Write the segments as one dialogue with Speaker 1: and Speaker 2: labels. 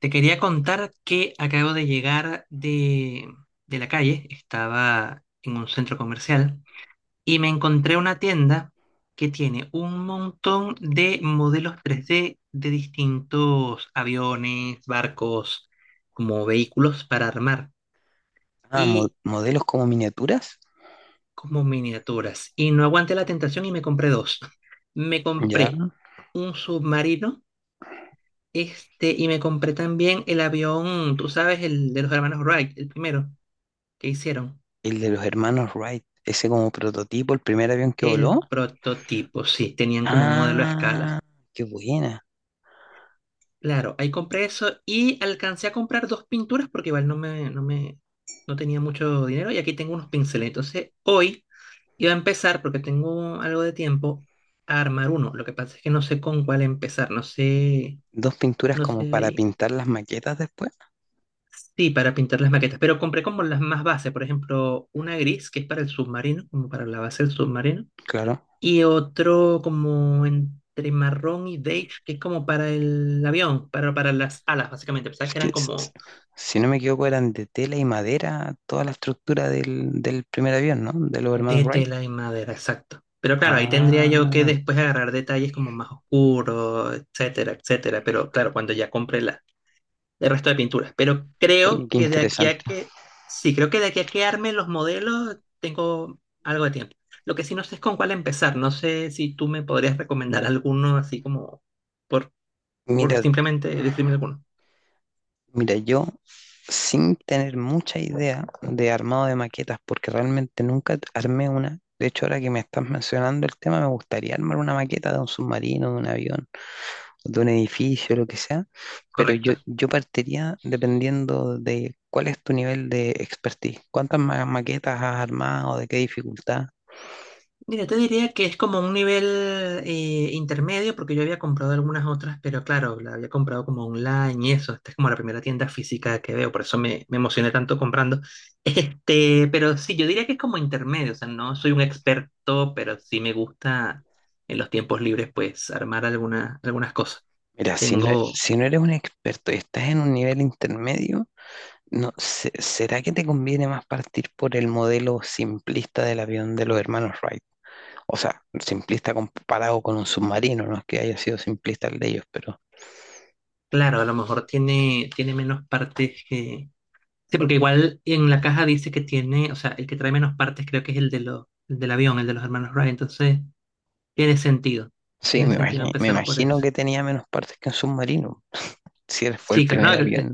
Speaker 1: Te quería contar que acabo de llegar de la calle. Estaba en un centro comercial y me encontré una tienda que tiene un montón de modelos 3D de distintos aviones, barcos, como vehículos para armar
Speaker 2: Ah,
Speaker 1: y
Speaker 2: modelos como miniaturas,
Speaker 1: como miniaturas. Y no aguanté la tentación y me compré dos. Me compré
Speaker 2: ya.
Speaker 1: un submarino, y me compré también el avión, tú sabes, el de los hermanos Wright, el primero. ¿Qué hicieron?
Speaker 2: El de los hermanos Wright, ese como prototipo, el primer avión que voló.
Speaker 1: El prototipo, sí, tenían como un modelo a
Speaker 2: Ah,
Speaker 1: escala.
Speaker 2: qué buena.
Speaker 1: Claro, ahí compré eso y alcancé a comprar dos pinturas porque igual no tenía mucho dinero y aquí tengo unos pinceles. Entonces, hoy iba a empezar, porque tengo algo de tiempo, a armar uno. Lo que pasa es que no sé con cuál empezar. no sé,
Speaker 2: Dos pinturas
Speaker 1: no sé
Speaker 2: como para
Speaker 1: ahí.
Speaker 2: pintar las maquetas después.
Speaker 1: Sí, para pintar las maquetas, pero compré como las más bases, por ejemplo, una gris que es para el submarino, como para la base del submarino.
Speaker 2: Claro,
Speaker 1: Y otro como entre marrón y beige, que es como para el avión, para las alas, básicamente. Pensaba
Speaker 2: es
Speaker 1: que
Speaker 2: que
Speaker 1: eran
Speaker 2: s- s-
Speaker 1: como
Speaker 2: si no me equivoco eran de tela y madera toda la estructura del primer avión, ¿no? De los hermanos
Speaker 1: de
Speaker 2: Wright.
Speaker 1: tela y madera, exacto. Pero claro, ahí tendría yo que
Speaker 2: Ah,
Speaker 1: después agarrar detalles como más oscuros, etcétera, etcétera. Pero claro, cuando ya compré el resto de pinturas. Pero
Speaker 2: oye,
Speaker 1: creo
Speaker 2: qué
Speaker 1: que de aquí a
Speaker 2: interesante.
Speaker 1: que, sí, creo que de aquí a que arme los modelos, tengo algo de tiempo. Lo que sí no sé es con cuál empezar. No sé si tú me podrías recomendar alguno, así como por, por
Speaker 2: Mira,
Speaker 1: simplemente decirme alguno.
Speaker 2: Mira, yo sin tener mucha idea de armado de maquetas, porque realmente nunca armé una. De hecho, ahora que me estás mencionando el tema, me gustaría armar una maqueta de un submarino, de un avión, de un edificio, lo que sea, pero yo,
Speaker 1: Correcto.
Speaker 2: yo partiría dependiendo de cuál es tu nivel de expertise, cuántas maquetas has armado, de qué dificultad.
Speaker 1: Mira, te diría que es como un nivel intermedio, porque yo había comprado algunas otras, pero claro, la había comprado como online y eso. Esta es como la primera tienda física que veo, por eso me emocioné tanto comprando. Pero sí, yo diría que es como intermedio, o sea, no soy un experto, pero sí me gusta en los tiempos libres, pues, armar algunas cosas.
Speaker 2: Mira, si no,
Speaker 1: Tengo,
Speaker 2: si no eres un experto y estás en un nivel intermedio, no, ¿será que te conviene más partir por el modelo simplista del avión de los hermanos Wright? O sea, simplista comparado con un submarino, no es que haya sido simplista el de ellos, pero
Speaker 1: claro, a lo mejor tiene menos partes que... Sí, porque igual en la caja dice que tiene, o sea, el que trae menos partes creo que es el del avión, el de los hermanos Wright, entonces tiene sentido,
Speaker 2: sí,
Speaker 1: tiene
Speaker 2: me
Speaker 1: sentido
Speaker 2: imagino, me
Speaker 1: empezar por
Speaker 2: imagino
Speaker 1: eso.
Speaker 2: que tenía menos partes que un submarino, si él fue el
Speaker 1: Sí, claro, no,
Speaker 2: primer avión.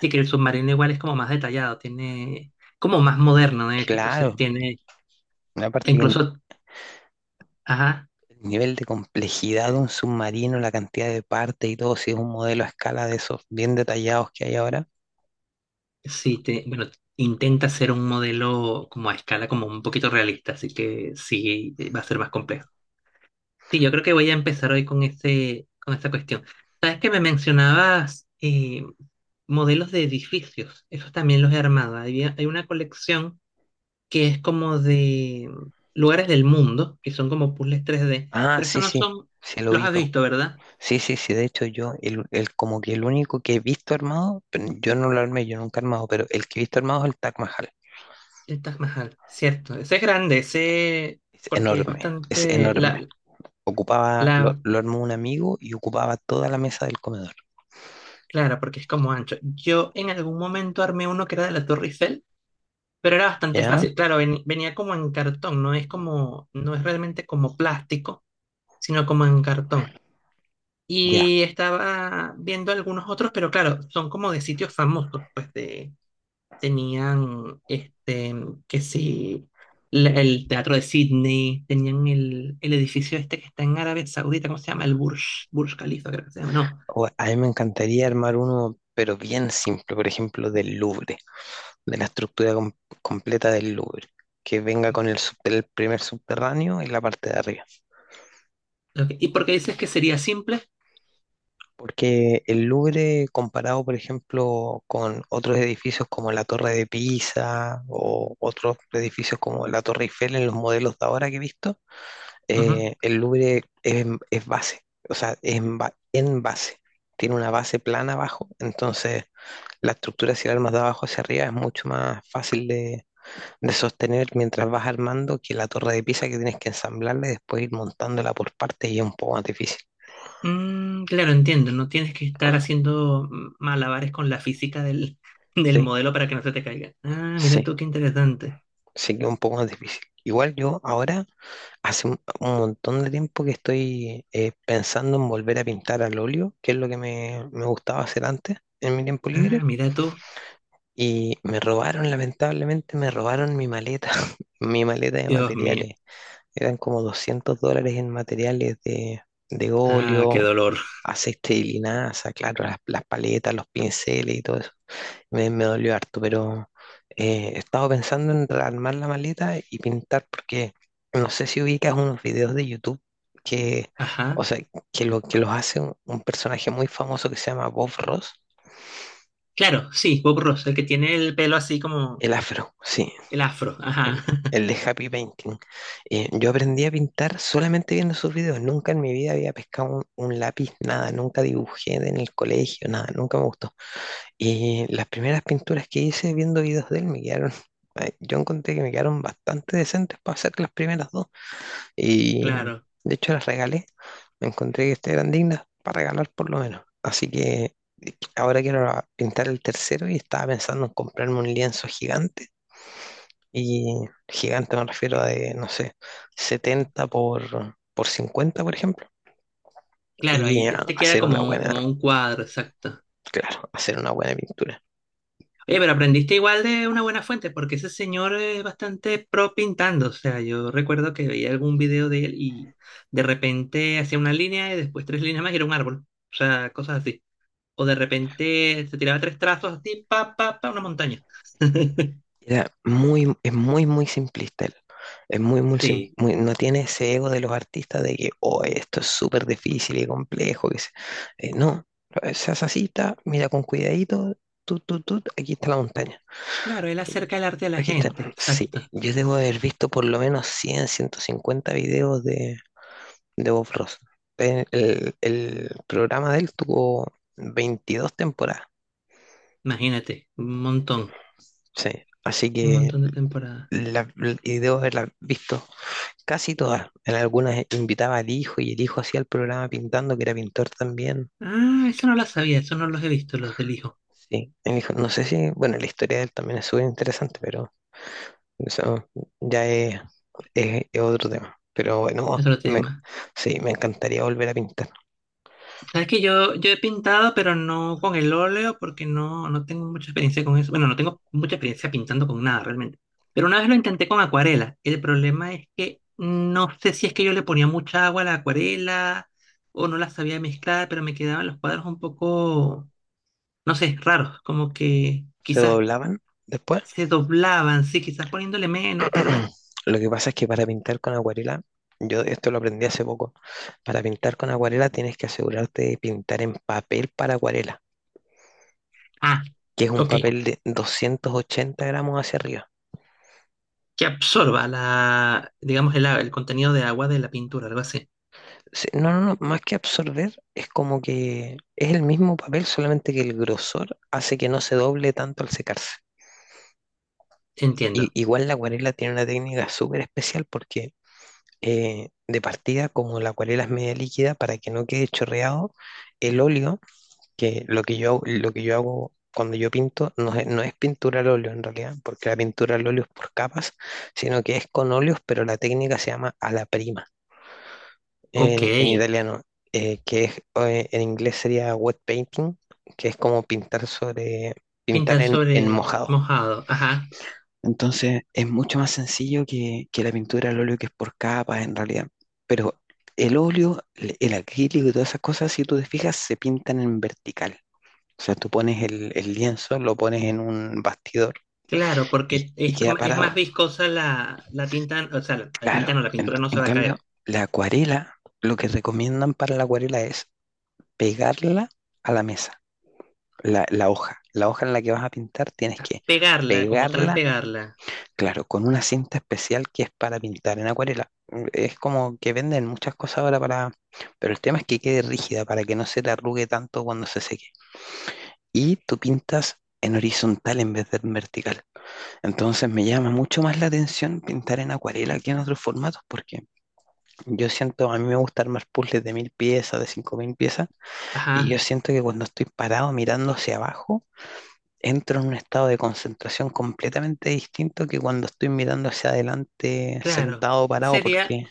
Speaker 1: sí que el submarino igual es como más detallado, tiene, como más moderno de hecho, entonces
Speaker 2: Claro,
Speaker 1: tiene,
Speaker 2: aparte que el
Speaker 1: incluso, ajá,
Speaker 2: el nivel de complejidad de un submarino, la cantidad de partes y todo, si es un modelo a escala de esos bien detallados que hay ahora.
Speaker 1: sí, bueno, intenta ser un modelo como a escala, como un poquito realista, así que sí, va a ser más complejo. Sí, yo creo que voy a empezar hoy con ese, con esa cuestión. Sabes que me mencionabas modelos de edificios. Esos también los he armado. Hay una colección que es como de lugares del mundo, que son como puzzles 3D.
Speaker 2: Ah,
Speaker 1: Pero
Speaker 2: sí,
Speaker 1: estos no
Speaker 2: sí,
Speaker 1: son,
Speaker 2: sí lo
Speaker 1: los has
Speaker 2: ubico.
Speaker 1: visto, ¿verdad?
Speaker 2: Sí, sí, sí, de hecho yo, como que el único que he visto armado, pero yo no lo armé, yo nunca he armado, pero el que he visto armado es el Taj Mahal.
Speaker 1: El Taj Mahal, cierto. Ese es grande,
Speaker 2: Es
Speaker 1: porque es
Speaker 2: enorme, es enorme. Ocupaba, lo,
Speaker 1: la,
Speaker 2: lo armó un amigo y ocupaba toda la mesa del comedor.
Speaker 1: claro, porque es como ancho. Yo en algún momento armé uno que era de la Torre Eiffel. Pero era bastante
Speaker 2: ¿Ya?
Speaker 1: fácil. Claro, venía como en cartón, no es realmente como plástico, sino como en cartón.
Speaker 2: Ya.
Speaker 1: Y estaba viendo algunos otros, pero claro, son como de sitios famosos, tenían que sí, el Teatro de Sydney, tenían el edificio este que está en Arabia Saudita, ¿cómo se llama? Burj Khalifa, creo que se llama, no.
Speaker 2: O- a mí me encantaría armar uno, pero bien simple, por ejemplo, del Louvre, de la estructura completa del Louvre, que venga con el primer subterráneo y la parte de arriba.
Speaker 1: Ok. ¿Y por qué dices que sería simple?
Speaker 2: Porque el Louvre, comparado, por ejemplo, con otros edificios como la Torre de Pisa o otros edificios como la Torre Eiffel en los modelos de ahora que he visto,
Speaker 1: Ujú.
Speaker 2: el Louvre es base, o sea, es en, en base. Tiene una base plana abajo, entonces la estructura, si la armas de abajo hacia arriba, es mucho más fácil de sostener mientras vas armando que la Torre de Pisa, que tienes que ensamblarla y después ir montándola por partes y es un poco más difícil.
Speaker 1: Mm, claro, entiendo. No tienes que estar haciendo malabares con la física del
Speaker 2: Sí,
Speaker 1: modelo para que no se te caiga. Ah, mira tú,
Speaker 2: sí.
Speaker 1: qué interesante.
Speaker 2: Sí que es un poco más difícil. Igual yo ahora, hace un montón de tiempo que estoy pensando en volver a pintar al óleo, que es lo que me gustaba hacer antes en mi tiempo
Speaker 1: Ah,
Speaker 2: libre.
Speaker 1: mira tú.
Speaker 2: Y me robaron, lamentablemente, me robaron mi maleta, mi maleta de
Speaker 1: Dios mío.
Speaker 2: materiales. Eran como 200 dólares en materiales de
Speaker 1: Ah, qué
Speaker 2: óleo,
Speaker 1: dolor.
Speaker 2: aceite de linaza, claro, las paletas, los pinceles y todo eso me dolió harto, pero he estado pensando en rearmar la maleta y pintar porque no sé si ubicas unos videos de YouTube que, o
Speaker 1: Ajá.
Speaker 2: sea, que, lo, que los hace un personaje muy famoso que se llama Bob Ross,
Speaker 1: Claro, sí, Bob Ross, el que tiene el pelo así como
Speaker 2: el afro, sí,
Speaker 1: el afro.
Speaker 2: el,
Speaker 1: Ajá,
Speaker 2: el de Happy Painting. Yo aprendí a pintar solamente viendo sus videos, nunca en mi vida había pescado un lápiz, nada, nunca dibujé en el colegio, nada, nunca me gustó. Y las primeras pinturas que hice viendo videos de él me quedaron, yo encontré que me quedaron bastante decentes para hacer las primeras dos. Y
Speaker 1: claro.
Speaker 2: de hecho las regalé. Me encontré que este eran dignas para regalar por lo menos. Así que ahora quiero pintar el tercero y estaba pensando en comprarme un lienzo gigante. Y gigante me refiero a
Speaker 1: Eh,
Speaker 2: de, no sé, 70 por 50, por ejemplo.
Speaker 1: claro,
Speaker 2: Y
Speaker 1: te queda
Speaker 2: hacer una
Speaker 1: como,
Speaker 2: buena,
Speaker 1: como un cuadro, exacto.
Speaker 2: claro, hacer una buena pintura.
Speaker 1: Pero aprendiste igual de una buena fuente, porque ese señor es bastante pro pintando. O sea, yo recuerdo que veía algún video de él y de repente hacía una línea y después tres líneas más y era un árbol. O sea, cosas así. O de repente se tiraba tres trazos así, pa, pa, pa, una montaña.
Speaker 2: Era muy, es muy, muy simplista él. Es muy, muy,
Speaker 1: Sí,
Speaker 2: no tiene ese ego de los artistas de que, oh, esto es súper difícil y complejo. Que se-. No, se hace así, ta, mira con cuidadito, tut, tut, tut, aquí está la montaña.
Speaker 1: claro, él
Speaker 2: Y
Speaker 1: acerca el arte a la
Speaker 2: aquí está.
Speaker 1: gente,
Speaker 2: Sí,
Speaker 1: exacto.
Speaker 2: yo debo haber visto por lo menos 100, 150 videos de Bob Ross. El programa de él tuvo 22 temporadas.
Speaker 1: Imagínate,
Speaker 2: Sí, así
Speaker 1: un
Speaker 2: que
Speaker 1: montón de temporadas.
Speaker 2: la- y debo haberla visto casi todas. En algunas invitaba al hijo y el hijo hacía el programa pintando, que era pintor también.
Speaker 1: Ah, eso no lo sabía, eso no los he visto, los del hijo.
Speaker 2: Sí, el hijo, no sé si, bueno, la historia de él también es súper interesante, pero eso ya es otro tema. Pero
Speaker 1: Es
Speaker 2: bueno,
Speaker 1: otro tema.
Speaker 2: sí, me encantaría volver a pintar.
Speaker 1: Sabes que yo he pintado, pero no con el óleo, porque no tengo mucha experiencia con eso. Bueno, no tengo mucha experiencia pintando con nada realmente. Pero una vez lo intenté con acuarela. El problema es que no sé si es que yo le ponía mucha agua a la acuarela o no la sabía mezclar, pero me quedaban los cuadros un poco, no sé, raros, como que
Speaker 2: Se
Speaker 1: quizás
Speaker 2: doblaban después.
Speaker 1: se doblaban, sí, quizás poniéndole menos, tal vez.
Speaker 2: Lo que pasa es que para pintar con acuarela, yo esto lo aprendí hace poco, para pintar con acuarela tienes que asegurarte de pintar en papel para acuarela,
Speaker 1: Ah,
Speaker 2: que es un
Speaker 1: ok,
Speaker 2: papel de 280 gramos hacia arriba.
Speaker 1: que absorba digamos, el contenido de agua de la pintura, algo así.
Speaker 2: Sí, no, no, no, más que absorber, es como que es el mismo papel, solamente que el grosor hace que no se doble tanto al secarse. Y,
Speaker 1: Entiendo.
Speaker 2: igual la acuarela tiene una técnica súper especial porque de partida, como la acuarela es media líquida, para que no quede chorreado, el óleo, que lo que yo hago cuando yo pinto, no es pintura al óleo en realidad, porque la pintura al óleo es por capas, sino que es con óleos, pero la técnica se llama a la prima,
Speaker 1: Ok.
Speaker 2: en italiano, que es, en inglés sería wet painting, que es como pintar
Speaker 1: Pintar
Speaker 2: en
Speaker 1: sobre
Speaker 2: mojado.
Speaker 1: mojado, ajá.
Speaker 2: Entonces es mucho más sencillo que la pintura al óleo, que es por capas en realidad. Pero el óleo, el acrílico y todas esas cosas, si tú te fijas, se pintan en vertical. O sea, tú pones el lienzo, lo pones en un bastidor
Speaker 1: Claro,
Speaker 2: y,
Speaker 1: porque
Speaker 2: y queda
Speaker 1: es más
Speaker 2: parado.
Speaker 1: viscosa la tinta, o sea,
Speaker 2: Claro,
Speaker 1: la
Speaker 2: en,
Speaker 1: pintura no
Speaker 2: en
Speaker 1: se va a
Speaker 2: cambio,
Speaker 1: caer.
Speaker 2: la acuarela, lo que recomiendan para la acuarela es pegarla a la mesa, la hoja en la que vas a pintar, tienes
Speaker 1: A-
Speaker 2: que
Speaker 1: pegarla, como tal,
Speaker 2: pegarla,
Speaker 1: pegarla.
Speaker 2: claro, con una cinta especial que es para pintar en acuarela. Es como que venden muchas cosas ahora para, pero el tema es que quede rígida para que no se te arrugue tanto cuando se seque. Y tú pintas en horizontal en vez de en vertical. Entonces me llama mucho más la atención pintar en acuarela que en otros formatos, porque yo siento, a mí me gusta armar puzzles de 1.000 piezas, de 5.000 piezas, y yo
Speaker 1: Ajá,
Speaker 2: siento que cuando estoy parado mirando hacia abajo, entro en un estado de concentración completamente distinto que cuando estoy mirando hacia adelante
Speaker 1: claro.
Speaker 2: sentado o parado
Speaker 1: Sería,
Speaker 2: porque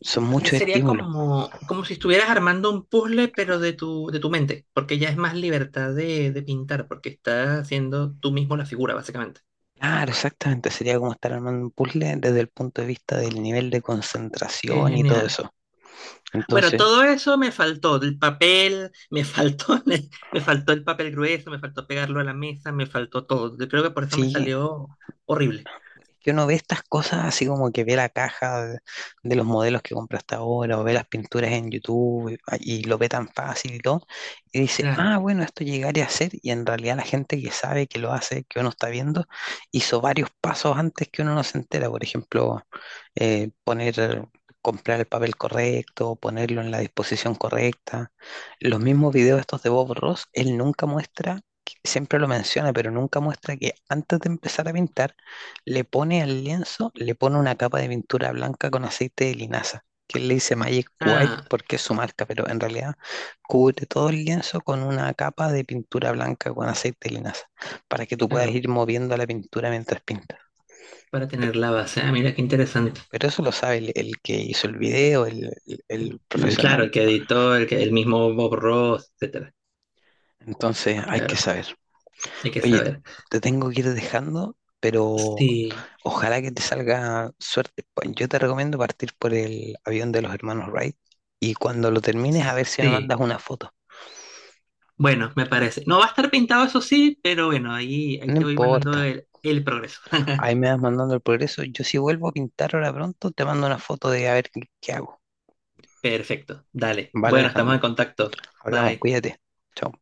Speaker 2: son muchos
Speaker 1: sería
Speaker 2: estímulos.
Speaker 1: como, como si estuvieras armando un puzzle, pero de tu mente, porque ya es más libertad de pintar, porque estás haciendo tú mismo la figura, básicamente.
Speaker 2: Claro, exactamente, sería como estar armando un puzzle desde el punto de vista del nivel de
Speaker 1: Qué
Speaker 2: concentración y todo
Speaker 1: genial.
Speaker 2: eso.
Speaker 1: Bueno,
Speaker 2: Entonces,
Speaker 1: todo eso me faltó, el papel, me faltó, me faltó el papel grueso, me faltó pegarlo a la mesa, me faltó todo. Yo creo que por eso me
Speaker 2: sí,
Speaker 1: salió horrible.
Speaker 2: que uno ve estas cosas así como que ve la caja de, los modelos que compra hasta ahora, o ve las pinturas en YouTube y, ah, y lo ve tan fácil y todo, y dice,
Speaker 1: Claro.
Speaker 2: ah, bueno, esto llegaría a ser, y en realidad la gente que sabe que lo hace, que uno está viendo, hizo varios pasos antes que uno no se entera, por ejemplo, poner, comprar el papel correcto, ponerlo en la disposición correcta. Los mismos videos estos de Bob Ross, él nunca muestra que- siempre lo menciona, pero nunca muestra que antes de empezar a pintar, le pone al lienzo, le pone una capa de pintura blanca con aceite de linaza, que él le dice Magic White
Speaker 1: Ah,
Speaker 2: porque es su marca, pero en realidad cubre todo el lienzo con una capa de pintura blanca con aceite de linaza, para que tú puedas
Speaker 1: claro,
Speaker 2: ir moviendo la pintura mientras pintas.
Speaker 1: para tener la base. Ah, mira qué interesante.
Speaker 2: Pero eso lo sabe el que hizo el video, el
Speaker 1: Mm, claro,
Speaker 2: profesional.
Speaker 1: el que editó, el que el mismo Bob Ross, etcétera.
Speaker 2: Entonces hay que
Speaker 1: Claro,
Speaker 2: saber.
Speaker 1: hay que
Speaker 2: Oye,
Speaker 1: saber.
Speaker 2: te tengo que ir dejando, pero
Speaker 1: Sí,
Speaker 2: ojalá que te salga suerte. Pa- Yo te recomiendo partir por el avión de los hermanos Wright y cuando lo termines a ver si me
Speaker 1: sí.
Speaker 2: mandas una foto.
Speaker 1: Bueno, me parece. No va a estar pintado, eso sí, pero bueno, ahí
Speaker 2: No
Speaker 1: te voy mandando
Speaker 2: importa.
Speaker 1: el progreso.
Speaker 2: Ahí me vas mandando el progreso. Yo si vuelvo a pintar ahora pronto, te mando una foto de a ver qué, qué hago.
Speaker 1: Perfecto. Dale.
Speaker 2: Vale,
Speaker 1: Bueno, estamos
Speaker 2: Alejandro.
Speaker 1: en contacto.
Speaker 2: Hablamos,
Speaker 1: Bye.
Speaker 2: cuídate. Chao.